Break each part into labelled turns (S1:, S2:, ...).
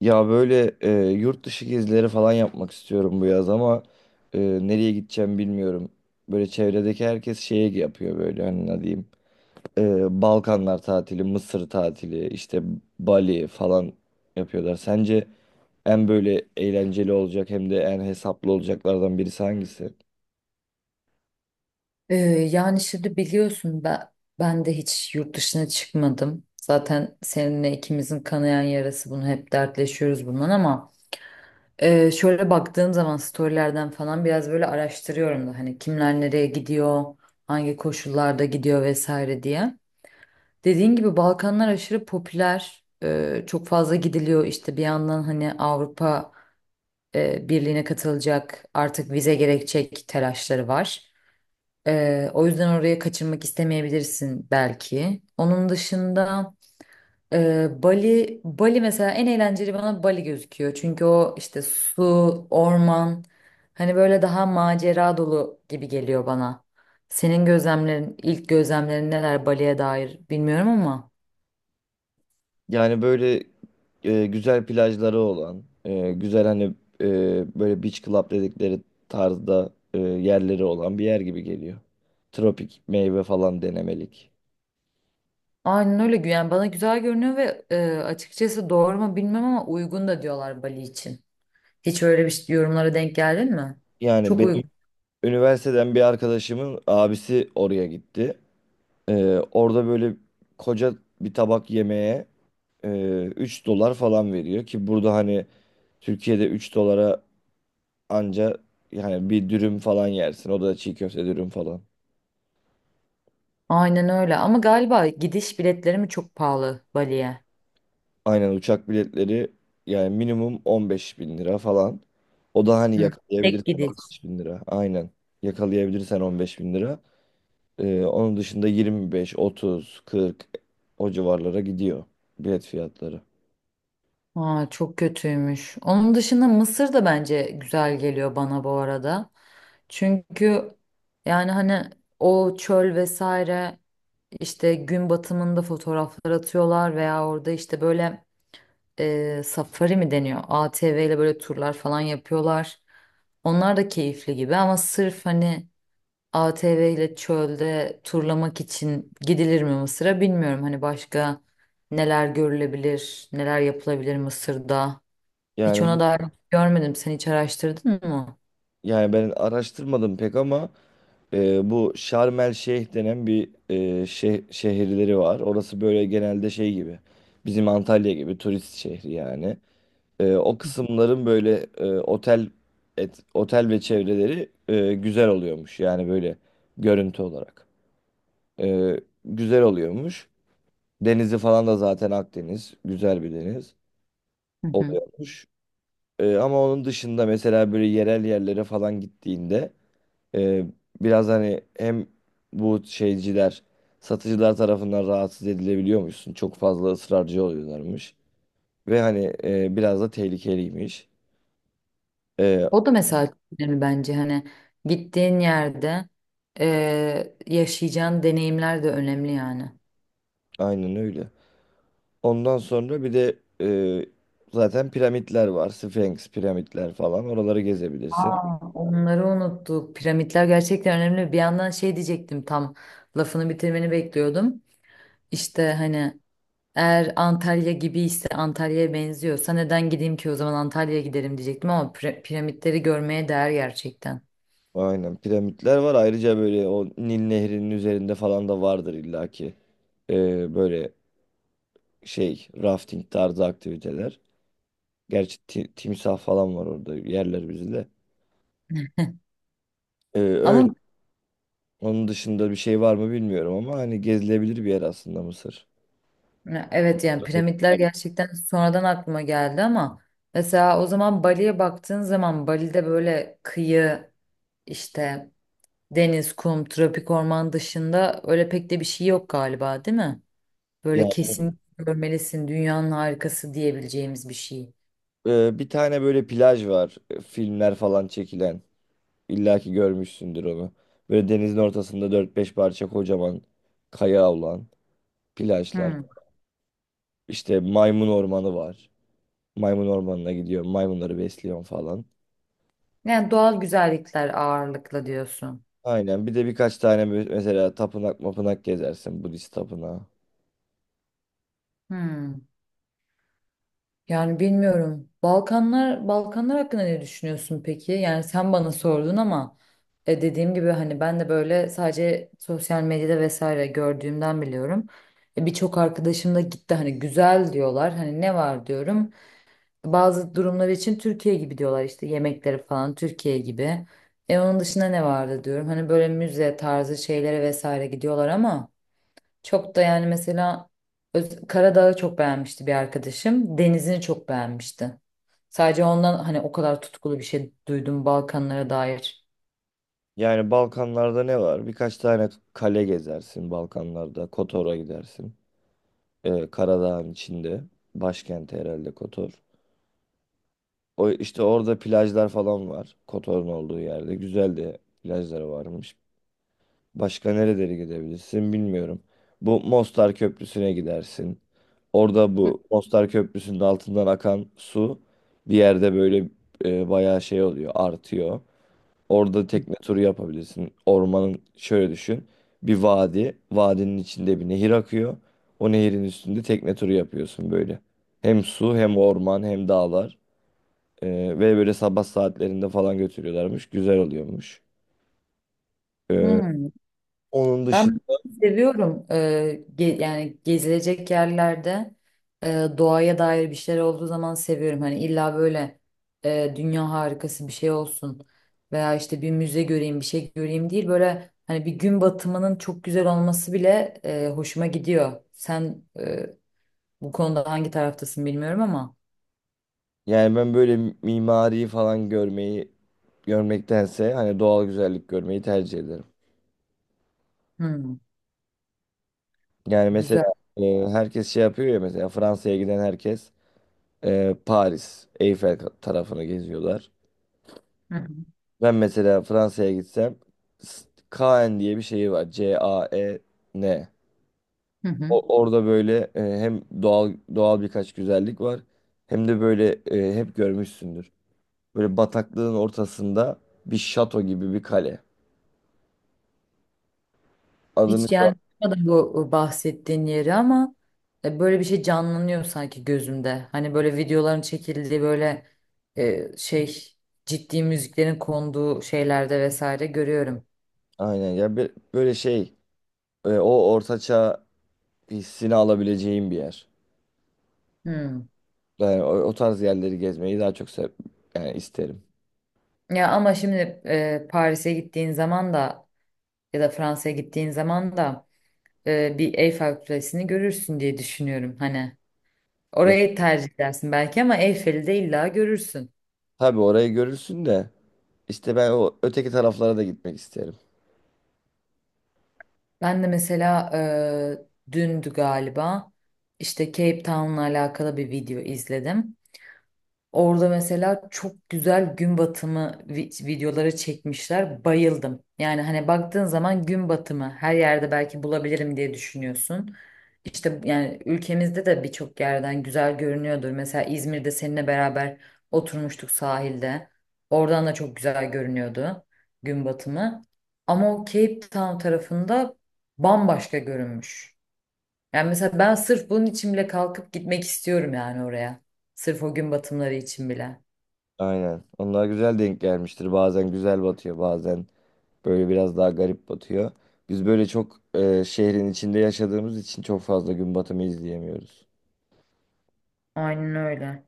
S1: Ya böyle yurt dışı gezileri falan yapmak istiyorum bu yaz ama nereye gideceğim bilmiyorum. Böyle çevredeki herkes şeye yapıyor böyle hani ne diyeyim. Balkanlar tatili, Mısır tatili, işte Bali falan yapıyorlar. Sence en böyle eğlenceli olacak hem de en hesaplı olacaklardan birisi hangisi?
S2: Ee, yani şimdi biliyorsun ben, ben de hiç yurt dışına çıkmadım. Zaten seninle ikimizin kanayan yarası bunu hep dertleşiyoruz bundan ama şöyle baktığım zaman storylerden falan biraz böyle araştırıyorum da hani kimler nereye gidiyor, hangi koşullarda gidiyor vesaire diye. Dediğin gibi Balkanlar aşırı popüler, çok fazla gidiliyor işte bir yandan hani Avrupa Birliği'ne katılacak artık vize gerekecek telaşları var. O yüzden oraya kaçırmak istemeyebilirsin belki. Onun dışında Bali mesela en eğlenceli bana Bali gözüküyor. Çünkü o işte su, orman, hani böyle daha macera dolu gibi geliyor bana. Senin gözlemlerin, ilk gözlemlerin neler Bali'ye dair bilmiyorum ama.
S1: Yani böyle güzel plajları olan, güzel hani e, böyle beach club dedikleri tarzda yerleri olan bir yer gibi geliyor. Tropik meyve falan denemelik.
S2: Aynen öyle yani bana güzel görünüyor ve açıkçası doğru mu bilmem ama uygun da diyorlar Bali için. Hiç öyle bir şey- Yorumlara denk geldin mi?
S1: Yani
S2: Çok
S1: benim
S2: uygun.
S1: üniversiteden bir arkadaşımın abisi oraya gitti. E, Orada böyle koca bir tabak yemeğe 3 dolar falan veriyor ki burada hani Türkiye'de 3 dolara anca yani bir dürüm falan yersin. O da çiğ köfte dürüm falan.
S2: Aynen öyle ama galiba gidiş biletleri mi çok pahalı Bali'ye?
S1: Aynen uçak biletleri yani minimum 15 bin lira falan. O da hani
S2: Hı. Tek
S1: yakalayabilirsen
S2: gidiş.
S1: 15 bin lira. Aynen. Yakalayabilirsen 15 bin lira. Onun dışında 25, 30, 40 o civarlara gidiyor bilet fiyatları.
S2: Aa, çok kötüymüş. Onun dışında Mısır da bence güzel geliyor bana bu arada. Çünkü yani hani o çöl vesaire işte gün batımında fotoğraflar atıyorlar veya orada işte böyle safari mi deniyor? ATV ile böyle turlar falan yapıyorlar. Onlar da keyifli gibi ama sırf hani ATV ile çölde turlamak için gidilir mi Mısır'a bilmiyorum. Hani başka neler görülebilir, neler yapılabilir Mısır'da. Hiç
S1: Yani bu-
S2: ona dair görmedim. Sen hiç araştırdın mı?
S1: Yani ben araştırmadım pek ama bu Şarm El Şeyh denen bir şehirleri var. Orası böyle genelde şey gibi. Bizim Antalya gibi turist şehri yani. O kısımların böyle otel ve çevreleri güzel oluyormuş. Yani böyle görüntü olarak. E, Güzel oluyormuş. Denizi falan da zaten Akdeniz. Güzel bir deniz
S2: Hı hı.
S1: oluyormuş. Ama onun dışında mesela böyle yerel yerlere falan gittiğinde e, biraz hani hem bu şeyciler satıcılar tarafından rahatsız edilebiliyormuşsun. Çok fazla ısrarcı oluyorlarmış. Ve hani biraz da tehlikeliymiş. E,
S2: O da mesela çok önemli bence. Hani gittiğin yerde yaşayacağın deneyimler de önemli yani.
S1: aynen öyle. Ondan sonra bir de zaten piramitler var. Sphinx piramitler falan. Oraları gezebilirsin.
S2: Aa, onları unuttuk. Piramitler gerçekten önemli. Bir yandan şey diyecektim tam lafını bitirmeni bekliyordum. İşte hani eğer Antalya gibi ise Antalya'ya benziyorsa neden gideyim ki o zaman Antalya'ya giderim diyecektim ama piramitleri görmeye değer gerçekten.
S1: Aynen piramitler var. Ayrıca böyle o Nil Nehri'nin üzerinde falan da vardır illaki. Böyle şey rafting tarzı aktiviteler. Gerçi timsah falan var orada yerler bizi de. Öyle.
S2: Ama
S1: Onun dışında bir şey var mı bilmiyorum ama hani gezilebilir bir yer aslında Mısır.
S2: ya evet yani piramitler gerçekten sonradan aklıma geldi ama mesela o zaman Bali'ye baktığın zaman Bali'de böyle kıyı işte deniz, kum, tropik orman dışında öyle pek de bir şey yok galiba değil mi?
S1: Ya
S2: Böyle kesin görmelisin dünyanın harikası diyebileceğimiz bir şey.
S1: bir tane böyle plaj var. Filmler falan çekilen. İlla ki görmüşsündür onu. Böyle denizin ortasında 4 5 parça kocaman kaya olan plajlar.
S2: Hmm.
S1: İşte maymun ormanı var. Maymun ormanına gidiyor. Maymunları besliyorum falan.
S2: Yani doğal güzellikler ağırlıkla diyorsun.
S1: Aynen. Bir de birkaç tane mesela tapınak mapınak gezersin. Budist tapınağı.
S2: Hmm. Yani bilmiyorum. Balkanlar hakkında ne düşünüyorsun peki? Yani sen bana sordun ama dediğim gibi hani ben de böyle sadece sosyal medyada vesaire gördüğümden biliyorum. Birçok arkadaşım da gitti hani güzel diyorlar. Hani ne var diyorum. Bazı durumlar için Türkiye gibi diyorlar işte yemekleri falan Türkiye gibi. E onun dışında ne vardı diyorum. Hani böyle müze tarzı şeylere vesaire gidiyorlar ama çok da yani mesela Karadağ'ı çok beğenmişti bir arkadaşım. Denizini çok beğenmişti. Sadece ondan hani o kadar tutkulu bir şey duydum Balkanlara dair.
S1: Yani Balkanlarda ne var? Birkaç tane kale gezersin Balkanlarda. Kotor'a gidersin. Karadağ'ın içinde. Başkenti herhalde Kotor. O işte orada plajlar falan var. Kotor'un olduğu yerde. Güzel de plajları varmış. Başka nerelere gidebilirsin bilmiyorum. Bu Mostar Köprüsü'ne gidersin. Orada bu Mostar Köprüsü'nün altından akan su bir yerde böyle bayağı şey oluyor, artıyor. Orada tekne turu yapabilirsin. Ormanın şöyle düşün. Bir vadi, vadinin içinde bir nehir akıyor. O nehirin üstünde tekne turu yapıyorsun böyle. Hem su hem orman hem dağlar. E, Ve böyle sabah saatlerinde falan götürüyorlarmış. Güzel oluyormuş. E,
S2: Hmm.
S1: onun
S2: Ben
S1: dışında
S2: seviyorum, yani gezilecek yerlerde doğaya dair bir şeyler olduğu zaman seviyorum. Hani illa böyle dünya harikası bir şey olsun veya işte bir müze göreyim bir şey göreyim değil. Böyle hani bir gün batımının çok güzel olması bile hoşuma gidiyor. Sen bu konuda hangi taraftasın bilmiyorum ama.
S1: Yani ben böyle mimariyi falan görmeyi görmektense hani doğal güzellik görmeyi tercih ederim.
S2: Hmm,
S1: Yani
S2: güzel.
S1: mesela e, herkes şey yapıyor ya mesela Fransa'ya giden herkes Paris, Eyfel tarafını geziyorlar.
S2: Hı hı.
S1: Ben mesela Fransa'ya gitsem S- Caen diye bir şeyi var. Caen.
S2: Hı hı.
S1: Orada böyle hem doğal doğal birkaç güzellik var hem de böyle hep görmüşsündür. Böyle bataklığın ortasında bir şato gibi bir kale. Adını.
S2: Hiç yani bakmadım bu bahsettiğin yeri ama böyle bir şey canlanıyor sanki gözümde. Hani böyle videoların çekildiği böyle e, şey ciddi müziklerin konduğu şeylerde vesaire görüyorum.
S1: Aynen ya böyle şey o ortaçağ hissini alabileceğim bir yer.
S2: Hmm.
S1: Yani o, o tarz yerleri gezmeyi daha çok yani isterim.
S2: Ya ama şimdi Paris'e gittiğin zaman da ya da Fransa'ya gittiğin zaman da bir Eyfel Kulesi'ni görürsün diye düşünüyorum. Hani
S1: Ya,
S2: orayı tercih edersin belki ama Eyfel'i de illa görürsün.
S1: tabii orayı görürsün de işte ben o öteki taraflara da gitmek isterim.
S2: Ben de mesela dündü galiba işte Cape Town'la alakalı bir video izledim. Orada mesela çok güzel gün batımı videoları çekmişler. Bayıldım. Yani hani baktığın zaman gün batımı her yerde belki bulabilirim diye düşünüyorsun. İşte yani ülkemizde de birçok yerden güzel görünüyordur. Mesela İzmir'de seninle beraber oturmuştuk sahilde. Oradan da çok güzel görünüyordu gün batımı. Ama o Cape Town tarafında bambaşka görünmüş. Yani mesela ben sırf bunun için bile kalkıp gitmek istiyorum yani oraya. Sırf o gün batımları için bile.
S1: Aynen. Onlar güzel denk gelmiştir. Bazen güzel batıyor, bazen böyle biraz daha garip batıyor. Biz böyle çok şehrin içinde yaşadığımız için çok fazla gün batımı izleyemiyoruz.
S2: Aynen öyle.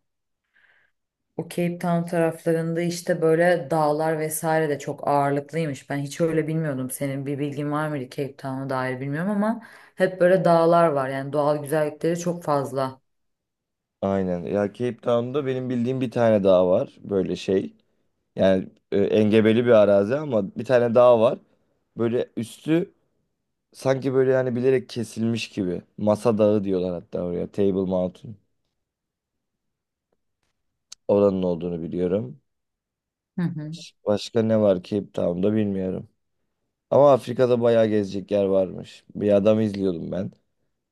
S2: O Cape Town taraflarında işte böyle dağlar vesaire de çok ağırlıklıymış. Ben hiç öyle bilmiyordum. Senin bir bilgin var mıydı Cape Town'a dair bilmiyorum ama hep böyle dağlar var. Yani doğal güzellikleri çok fazla.
S1: Aynen. Ya Cape Town'da benim bildiğim bir tane daha var böyle şey. Yani engebeli bir arazi ama bir tane dağ var. Böyle üstü sanki böyle yani bilerek kesilmiş gibi. Masa dağı diyorlar hatta oraya. Table Mountain. Oranın olduğunu biliyorum.
S2: Hı hı.
S1: Başka ne var Cape Town'da bilmiyorum. Ama Afrika'da bayağı gezecek yer varmış. Bir adam izliyordum ben.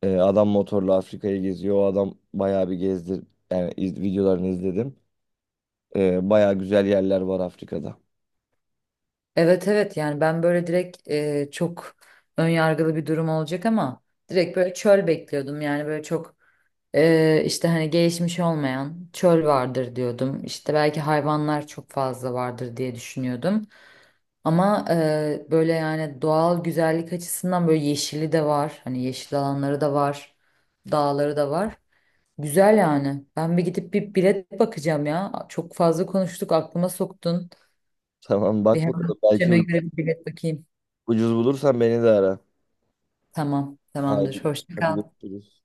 S1: Adam motorla Afrika'yı geziyor. O adam bayağı bir gezdir. Yani videolarını izledim. Baya güzel yerler var Afrika'da.
S2: Evet evet yani ben böyle direkt çok ön yargılı bir durum olacak ama direkt böyle çöl bekliyordum. Yani böyle çok işte hani gelişmiş olmayan çöl vardır diyordum. İşte belki hayvanlar çok fazla vardır diye düşünüyordum. Ama böyle yani doğal güzellik açısından böyle yeşili de var. Hani yeşil alanları da var. Dağları da var. Güzel yani. Ben bir gidip bir bilet bakacağım ya. Çok fazla konuştuk aklıma soktun.
S1: Tamam
S2: Bir
S1: bak
S2: hemen
S1: bakalım belki
S2: bütçeme göre bir bilet bakayım.
S1: ucuz bulursan beni de ara.
S2: Tamam, tamamdır.
S1: Haydi
S2: Hoşça
S1: hadi
S2: kal.
S1: görüşürüz.